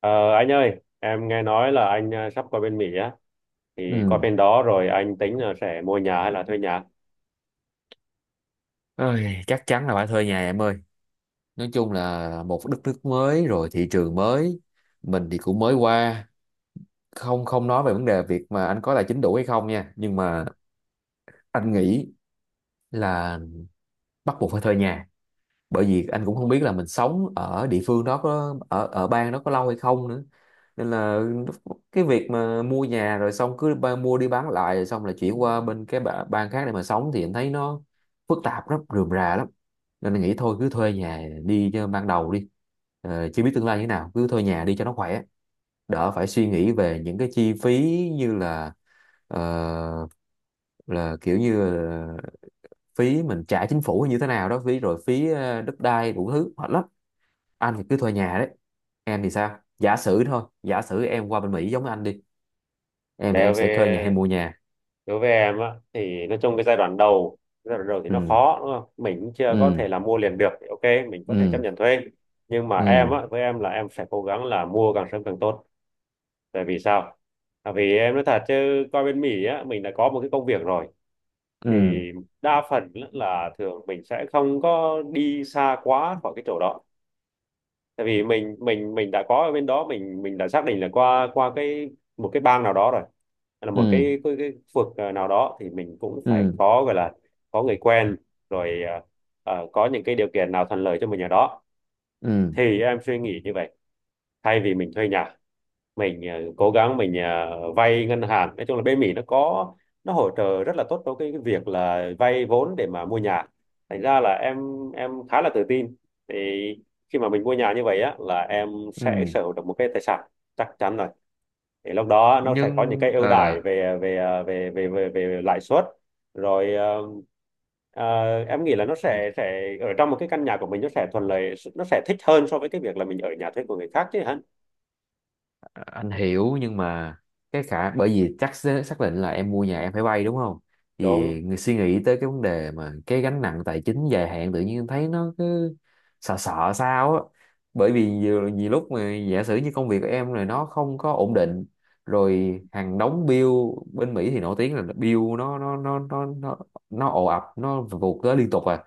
Ờ, anh ơi, em nghe nói là anh sắp qua bên Mỹ á, thì qua Ừ. bên đó rồi anh tính là sẽ mua nhà hay là thuê nhà. Ôi, chắc chắn là phải thuê nhà em ơi. Nói chung là một đất nước mới rồi thị trường mới, mình thì cũng mới qua, không không nói về vấn đề việc mà anh có tài chính đủ hay không nha, nhưng mà anh nghĩ là bắt buộc phải thuê nhà. Bởi vì anh cũng không biết là mình sống ở địa phương đó có ở ở bang đó có lâu hay không nữa, nên là cái việc mà mua nhà rồi xong mua đi bán lại rồi xong là chuyển qua bên bang khác để mà sống thì anh thấy nó phức tạp lắm, rườm rà lắm. Nên anh nghĩ thôi cứ thuê nhà đi cho ban đầu đi. Chưa biết tương lai như thế nào, cứ thuê nhà đi cho nó khỏe, đỡ phải suy nghĩ về những cái chi phí như là, ờ, là kiểu như phí mình trả chính phủ như thế nào đó, phí rồi phí đất đai, đủ thứ hết lắm. Anh thì cứ thuê nhà đấy. Em thì sao? Giả sử thôi, giả sử em qua bên Mỹ giống anh đi, em thì Đối em với sẽ thuê nhà hay mua nhà? đối với em á, thì nói chung cái giai đoạn đầu thì nó Ừ. khó đúng không? Mình cũng chưa có Ừ. thể là mua liền được, thì ok, mình có thể chấp Ừ. nhận thuê. Nhưng mà em Ừ. á, với em là em sẽ cố gắng là mua càng sớm càng tốt. Tại vì sao? Tại vì em nói thật chứ qua bên Mỹ á, mình đã có một cái công việc rồi. Thì Ừ. đa phần là thường mình sẽ không có đi xa quá khỏi cái chỗ đó, tại vì mình đã có ở bên đó, mình đã xác định là qua qua cái một cái bang nào đó rồi. Hay là một Ừ. cái khu vực nào đó thì mình cũng Ừ. phải Ừ. có gọi là có người quen rồi, có những cái điều kiện nào thuận lợi cho mình ở đó. Ừ. Thì em suy nghĩ như vậy, thay vì mình thuê nhà mình cố gắng mình vay ngân hàng. Nói chung là bên Mỹ nó có nó hỗ trợ rất là tốt cho cái việc là vay vốn để mà mua nhà. Thành ra là em khá là tự tin, thì khi mà mình mua nhà như vậy á là em sẽ Ừ. sở hữu được một cái tài sản, chắc chắn rồi. Thì lúc đó nó sẽ có những nhưng cái ưu ờ, đãi về về ờ, về về về, về lãi suất. Rồi, em nghĩ là nó sẽ ở trong một cái căn nhà của mình, nó sẽ thuận lợi, nó sẽ thích hơn so với cái việc là mình ở nhà thuê của người khác chứ hả. anh hiểu, nhưng mà cái khả, bởi vì chắc sẽ xác định là em mua nhà em phải vay đúng không, thì Đúng, người suy nghĩ tới cái vấn đề mà cái gánh nặng tài chính dài hạn tự nhiên em thấy nó cứ sợ sợ sao á. Bởi vì nhiều, nhiều lúc mà giả sử như công việc của em này nó không có ổn định, rồi hàng đống bill. Bên Mỹ thì nổi tiếng là bill nó ồ ạt, nó vụt tới liên tục à.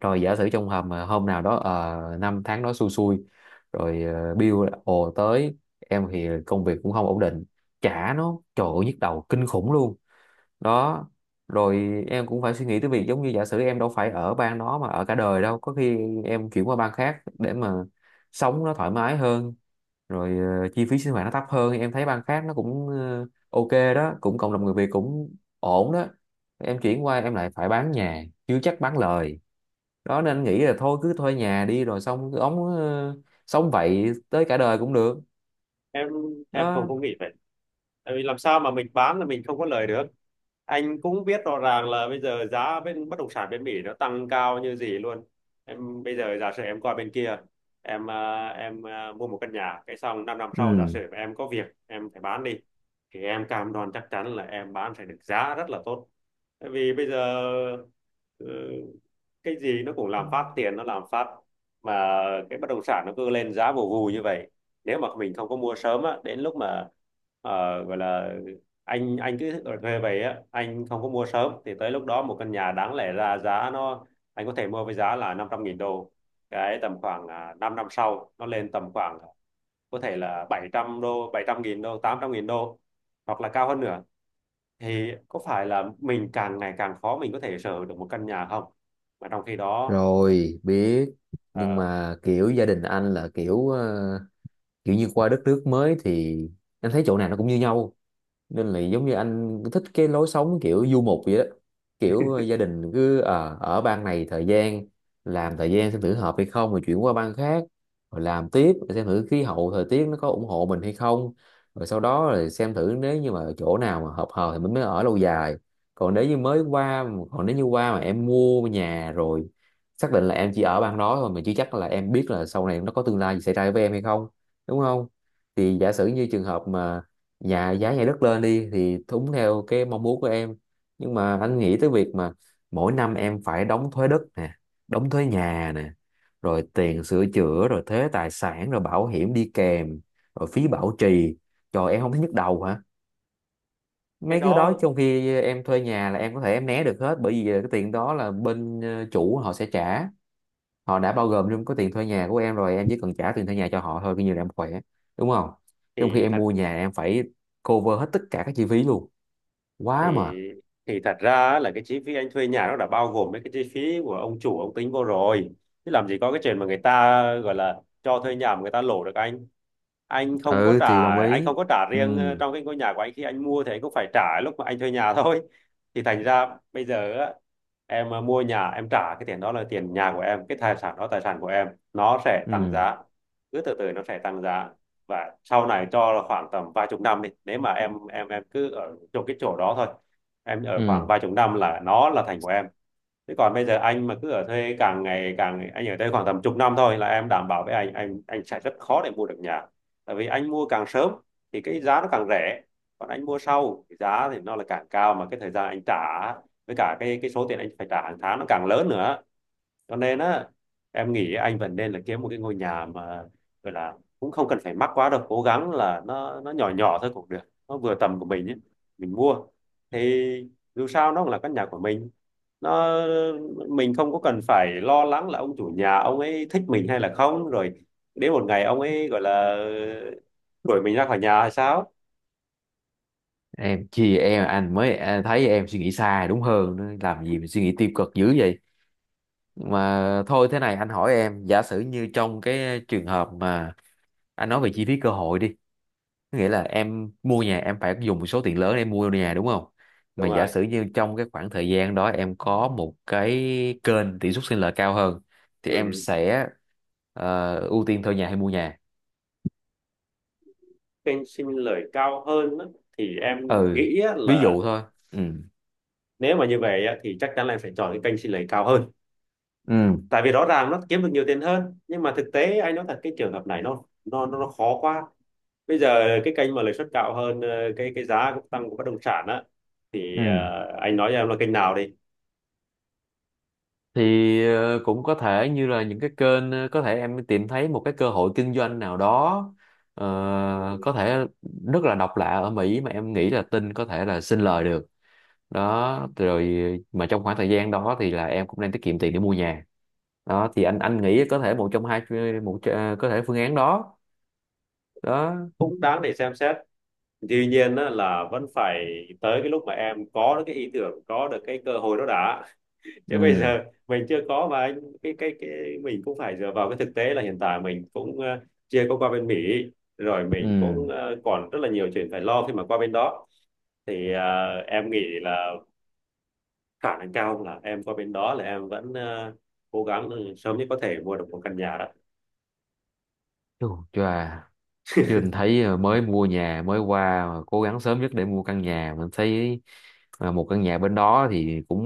Rồi giả sử trong hầm mà hôm nào đó, năm tháng đó xui xui, rồi bill ồ tới, em thì công việc cũng không ổn định, trả nó trời ơi nhức đầu kinh khủng luôn. Đó. Rồi em cũng phải suy nghĩ tới việc giống như giả sử em đâu phải ở bang đó mà ở cả đời đâu, có khi em chuyển qua bang khác để mà sống nó thoải mái hơn, rồi chi phí sinh hoạt nó thấp hơn, em thấy bang khác nó cũng ok đó, cũng cộng đồng người Việt cũng ổn đó. Em chuyển qua em lại phải bán nhà, chưa chắc bán lời. Đó nên anh nghĩ là thôi cứ thuê nhà đi rồi xong cứ sống vậy tới cả đời cũng được. em em không Đó. có nghĩ vậy. Tại vì làm sao mà mình bán là mình không có lời được. Anh cũng biết rõ ràng là bây giờ giá bên bất động sản bên Mỹ nó tăng cao như gì luôn. Em bây giờ giả sử em qua bên kia, em à, mua một căn nhà cái xong 5 năm năm sau giả Ừ. sử em có việc em phải bán đi, thì em cam đoan chắc chắn là em bán phải được giá rất là tốt. Tại vì bây giờ, ờ, cái gì nó cũng làm phát tiền nó làm phát, mà cái bất động sản nó cứ lên giá vù vù như vậy. Nếu mà mình không có mua sớm á, đến lúc mà ờ, gọi là anh cứ ở thuê về á, anh không có mua sớm thì tới lúc đó một căn nhà đáng lẽ ra giá nó anh có thể mua với giá là 500.000 đô, cái tầm khoảng à, 5 năm sau nó lên tầm khoảng à, có thể là 700 đô 700.000 đô 800.000 đô hoặc là cao hơn nữa. Thì có phải là mình càng ngày càng khó mình có thể sở hữu được một căn nhà không? Mà trong khi đó, Rồi biết, nhưng ờ, mà kiểu gia đình anh là kiểu, kiểu như qua đất nước mới thì anh thấy chỗ nào nó cũng như nhau, nên là giống như anh thích cái lối sống kiểu du mục vậy đó. Kiểu gia đình cứ ở bang này thời gian, làm thời gian xem thử hợp hay không rồi chuyển qua bang khác, rồi làm tiếp, rồi xem thử khí hậu thời tiết nó có ủng hộ mình hay không, rồi sau đó rồi xem thử nếu như mà chỗ nào mà hợp hợp thì mình mới ở lâu dài. còn nếu như mới qua Còn nếu như qua mà em mua nhà rồi, xác định là em chỉ ở bang đó thôi, mình chưa chắc là em biết là sau này nó có tương lai gì xảy ra với em hay không, đúng không? Thì giả sử như trường hợp mà dạ giá nhà đất lên đi thì đúng theo cái mong muốn của em, nhưng mà anh nghĩ tới việc mà mỗi năm em phải đóng thuế đất nè, đóng thuế nhà nè, rồi tiền sửa chữa, rồi thuế tài sản, rồi bảo hiểm đi kèm, rồi phí bảo trì. Trời, em không thấy nhức đầu hả? cái Mấy cái đó đó trong khi em thuê nhà là em có thể em né được hết, bởi vì cái tiền đó là bên chủ họ sẽ trả, họ đã bao gồm trong cái tiền thuê nhà của em rồi, em chỉ cần trả tiền thuê nhà cho họ thôi, coi như là em khỏe, đúng không? Trong khi thì em thật mua nhà em phải cover hết tất cả các chi phí luôn, quá thì mệt. thì thật ra là cái chi phí anh thuê nhà nó đã bao gồm mấy cái chi phí của ông chủ ông tính vô rồi, chứ làm gì có cái chuyện mà người ta gọi là cho thuê nhà mà người ta lỗ được. Anh không có Ừ trả, thì đồng anh ý. không có trả Ừ. riêng trong cái ngôi nhà của anh khi anh mua thì anh cũng phải trả lúc mà anh thuê nhà thôi. Thì thành ra bây giờ á, em mua nhà em trả cái tiền đó là tiền nhà của em, cái tài sản đó tài sản của em, nó sẽ tăng Ừ. giá, cứ từ từ nó sẽ tăng giá. Và sau này cho là khoảng tầm vài chục năm đi, nếu mà em cứ ở trong cái chỗ đó thôi, em ở khoảng Ừ. vài chục năm là nó là thành của em. Thế còn bây giờ anh mà cứ ở thuê càng ngày càng anh ở đây khoảng tầm chục năm thôi là em đảm bảo với anh, anh sẽ rất khó để mua được nhà. Tại vì anh mua càng sớm thì cái giá nó càng rẻ, còn anh mua sau thì giá thì nó là càng cao, mà cái thời gian anh trả với cả cái số tiền anh phải trả hàng tháng nó càng lớn nữa. Cho nên á, em nghĩ anh vẫn nên là kiếm một cái ngôi nhà mà gọi là cũng không cần phải mắc quá đâu, cố gắng là nó nhỏ nhỏ thôi cũng được, nó vừa tầm của mình ấy. Mình mua thì dù sao nó cũng là căn nhà của mình, nó mình không có cần phải lo lắng là ông chủ nhà ông ấy thích mình hay là không, rồi đến một ngày ông ấy gọi là đuổi mình ra khỏi nhà hay sao. Em chia, em anh mới à, thấy em suy nghĩ xa đúng hơn nữa. Làm gì mà suy nghĩ tiêu cực dữ vậy? Mà thôi thế này, anh hỏi em giả sử như trong cái trường hợp mà anh nói về chi phí cơ hội đi, nghĩa là em mua nhà em phải dùng một số tiền lớn để em mua nhà đúng không? Mà Đúng giả rồi. sử như trong cái khoảng thời gian đó em có một cái kênh tỷ suất sinh lời cao hơn thì em Ừ. sẽ ưu tiên thuê nhà hay mua nhà? Kênh xin lời cao hơn á, thì em Ừ, nghĩ á ví là dụ thôi. Ừ. nếu mà như vậy á, thì chắc chắn là em phải chọn cái kênh xin lời cao hơn. Ừ. Tại vì rõ ràng nó kiếm được nhiều tiền hơn, nhưng mà thực tế anh nói thật cái trường hợp này nó khó quá. Bây giờ cái kênh mà lợi suất cao hơn, cái giá cũng tăng của bất động sản á, thì Ừ. anh nói cho em là kênh nào đi Thì cũng có thể như là những cái kênh, có thể em tìm thấy một cái cơ hội kinh doanh nào đó, ờ, có thể rất là độc lạ ở Mỹ mà em nghĩ là tin có thể là sinh lời được. Đó rồi, mà trong khoảng thời gian đó thì là em cũng đang tiết kiệm tiền để mua nhà. Đó thì anh nghĩ có thể một trong hai, có thể phương án đó. Đó. cũng đáng để xem xét. Tuy nhiên á, là vẫn phải tới cái lúc mà em có được cái ý tưởng, có được cái cơ hội đó đã chứ bây Ừ. giờ mình chưa có mà anh cái mình cũng phải dựa vào cái thực tế là hiện tại mình cũng chưa có qua bên Mỹ. Rồi mình cũng Ừ. Còn rất là nhiều chuyện phải lo khi mà qua bên đó. Thì à, em nghĩ là khả năng cao là em qua bên đó là em vẫn à, cố gắng sớm nhất có thể mua được một căn nhà đó. Chù, chà. Chứ anh thấy mới mua nhà mới qua mà cố gắng sớm nhất để mua căn nhà, mình thấy một căn nhà bên đó thì cũng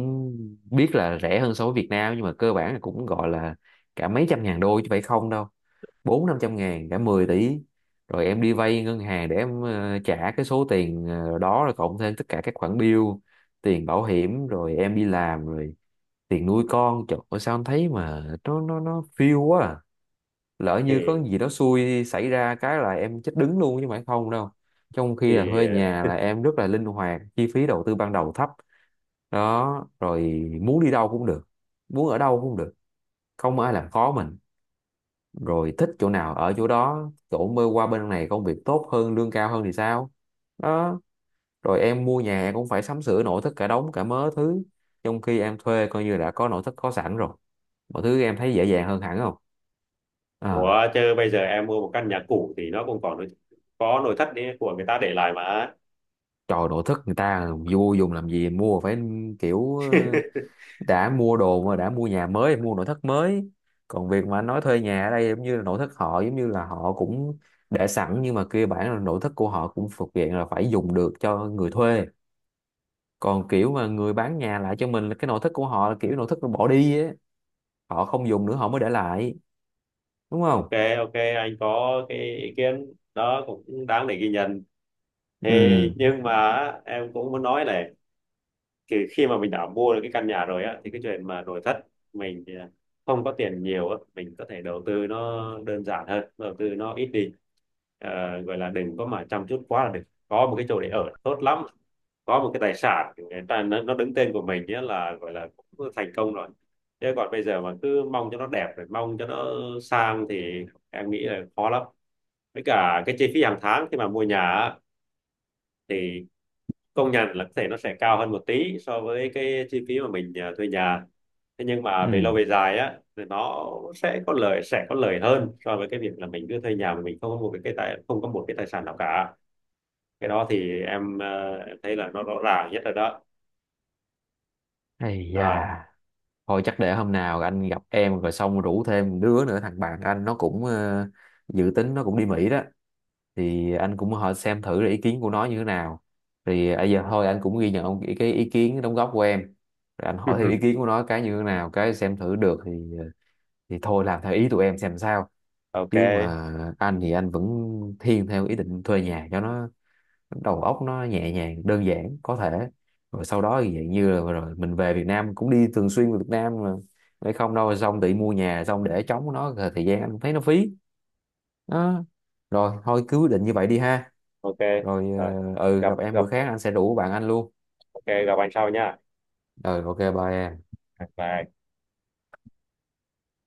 biết là rẻ hơn so với Việt Nam, nhưng mà cơ bản là cũng gọi là cả mấy trăm ngàn đô chứ phải không đâu, bốn năm trăm ngàn, cả 10 tỷ. Rồi em đi vay ngân hàng để em trả cái số tiền đó, rồi cộng thêm tất cả các khoản bill, tiền bảo hiểm, rồi em đi làm, rồi tiền nuôi con. Trời ơi, sao em thấy mà nó phiêu quá à. Lỡ như có thì gì đó xui xảy ra cái là em chết đứng luôn chứ phải không đâu. Trong khi là thuê thì nhà là em rất là linh hoạt, chi phí đầu tư ban đầu thấp. Đó rồi, muốn đi đâu cũng được, muốn ở đâu cũng được, không ai làm khó mình. Rồi thích chỗ nào ở chỗ đó, chỗ mơ qua bên này công việc tốt hơn lương cao hơn thì sao? Đó. Rồi em mua nhà em cũng phải sắm sửa nội thất cả đống cả mớ thứ, trong khi em thuê coi như đã có nội thất có sẵn rồi, mọi thứ em thấy dễ dàng hơn hẳn không? À, của chơi bây giờ em mua một căn nhà cũ thì nó cũng còn có nội thất đấy của người ta để lại mà. trời, nội thất người ta vô dùng làm gì, mua phải kiểu đã mua đồ mà đã mua nhà mới mua nội thất mới. Còn việc mà anh nói thuê nhà ở đây giống như là nội thất họ giống như là họ cũng để sẵn, nhưng mà kia bản là nội thất của họ cũng thuộc diện là phải dùng được cho người thuê. Còn kiểu mà người bán nhà lại cho mình là cái nội thất của họ là kiểu nội thất nó bỏ đi á, họ không dùng nữa họ mới để lại, đúng không? Ok, ok, anh có cái ý kiến đó cũng đáng để ghi nhận. Thì Ừ. nhưng mà em cũng muốn nói là thì khi mà mình đã mua được cái căn nhà rồi á, thì cái chuyện mà nội thất mình thì không có tiền nhiều á, mình có thể đầu tư nó đơn giản hơn, đầu tư nó ít đi. Ờ, gọi là đừng có mà chăm chút quá là được, có một cái chỗ để ở tốt lắm, có một cái tài sản người ta nó đứng tên của mình nhé là gọi là cũng thành công rồi. Thế còn bây giờ mà cứ mong cho nó đẹp rồi mong cho nó sang thì em nghĩ là khó lắm. Với cả cái chi phí hàng tháng khi mà mua nhà á, thì công nhận là có thể nó sẽ cao hơn một tí so với cái chi phí mà mình à, thuê nhà. Thế nhưng mà về lâu Ừ. về dài á thì nó sẽ có lợi, sẽ có lợi hơn so với cái việc là mình cứ thuê nhà mà mình không có một cái tài không có một cái tài sản nào cả. Cái đó thì em, em thấy là nó rõ ràng nhất rồi đó. Ây Rồi. da. Thôi chắc để hôm nào anh gặp em rồi xong rủ thêm đứa nữa, thằng bạn anh nó cũng dự tính nó cũng đi Mỹ đó, thì anh cũng hỏi xem thử là ý kiến của nó như thế nào. Thì bây giờ thôi anh cũng ghi nhận cái ý kiến đóng góp của em, rồi anh hỏi thêm ý kiến của nó cái như thế nào cái xem thử được thì ờ, thì thôi làm theo ý tụi em xem sao. Chứ Ok, mà anh thì anh vẫn thiên theo ý định thuê nhà cho nó đầu óc nó nhẹ nhàng đơn giản có thể. Rồi sau đó thì dạng như là rồi mình về Việt Nam cũng đi thường xuyên về Việt Nam mà, để không đâu xong tự mua nhà xong để trống nó rồi thời gian anh thấy nó phí. Đó. Rồi thôi cứ quyết định như vậy đi ha. ok. Rồi. Rồi. Ừ, gặp gặp em gặp bữa khác anh sẽ rủ bạn anh luôn. ok, gặp anh sau nha. Rồi, ok, bye em. Bye.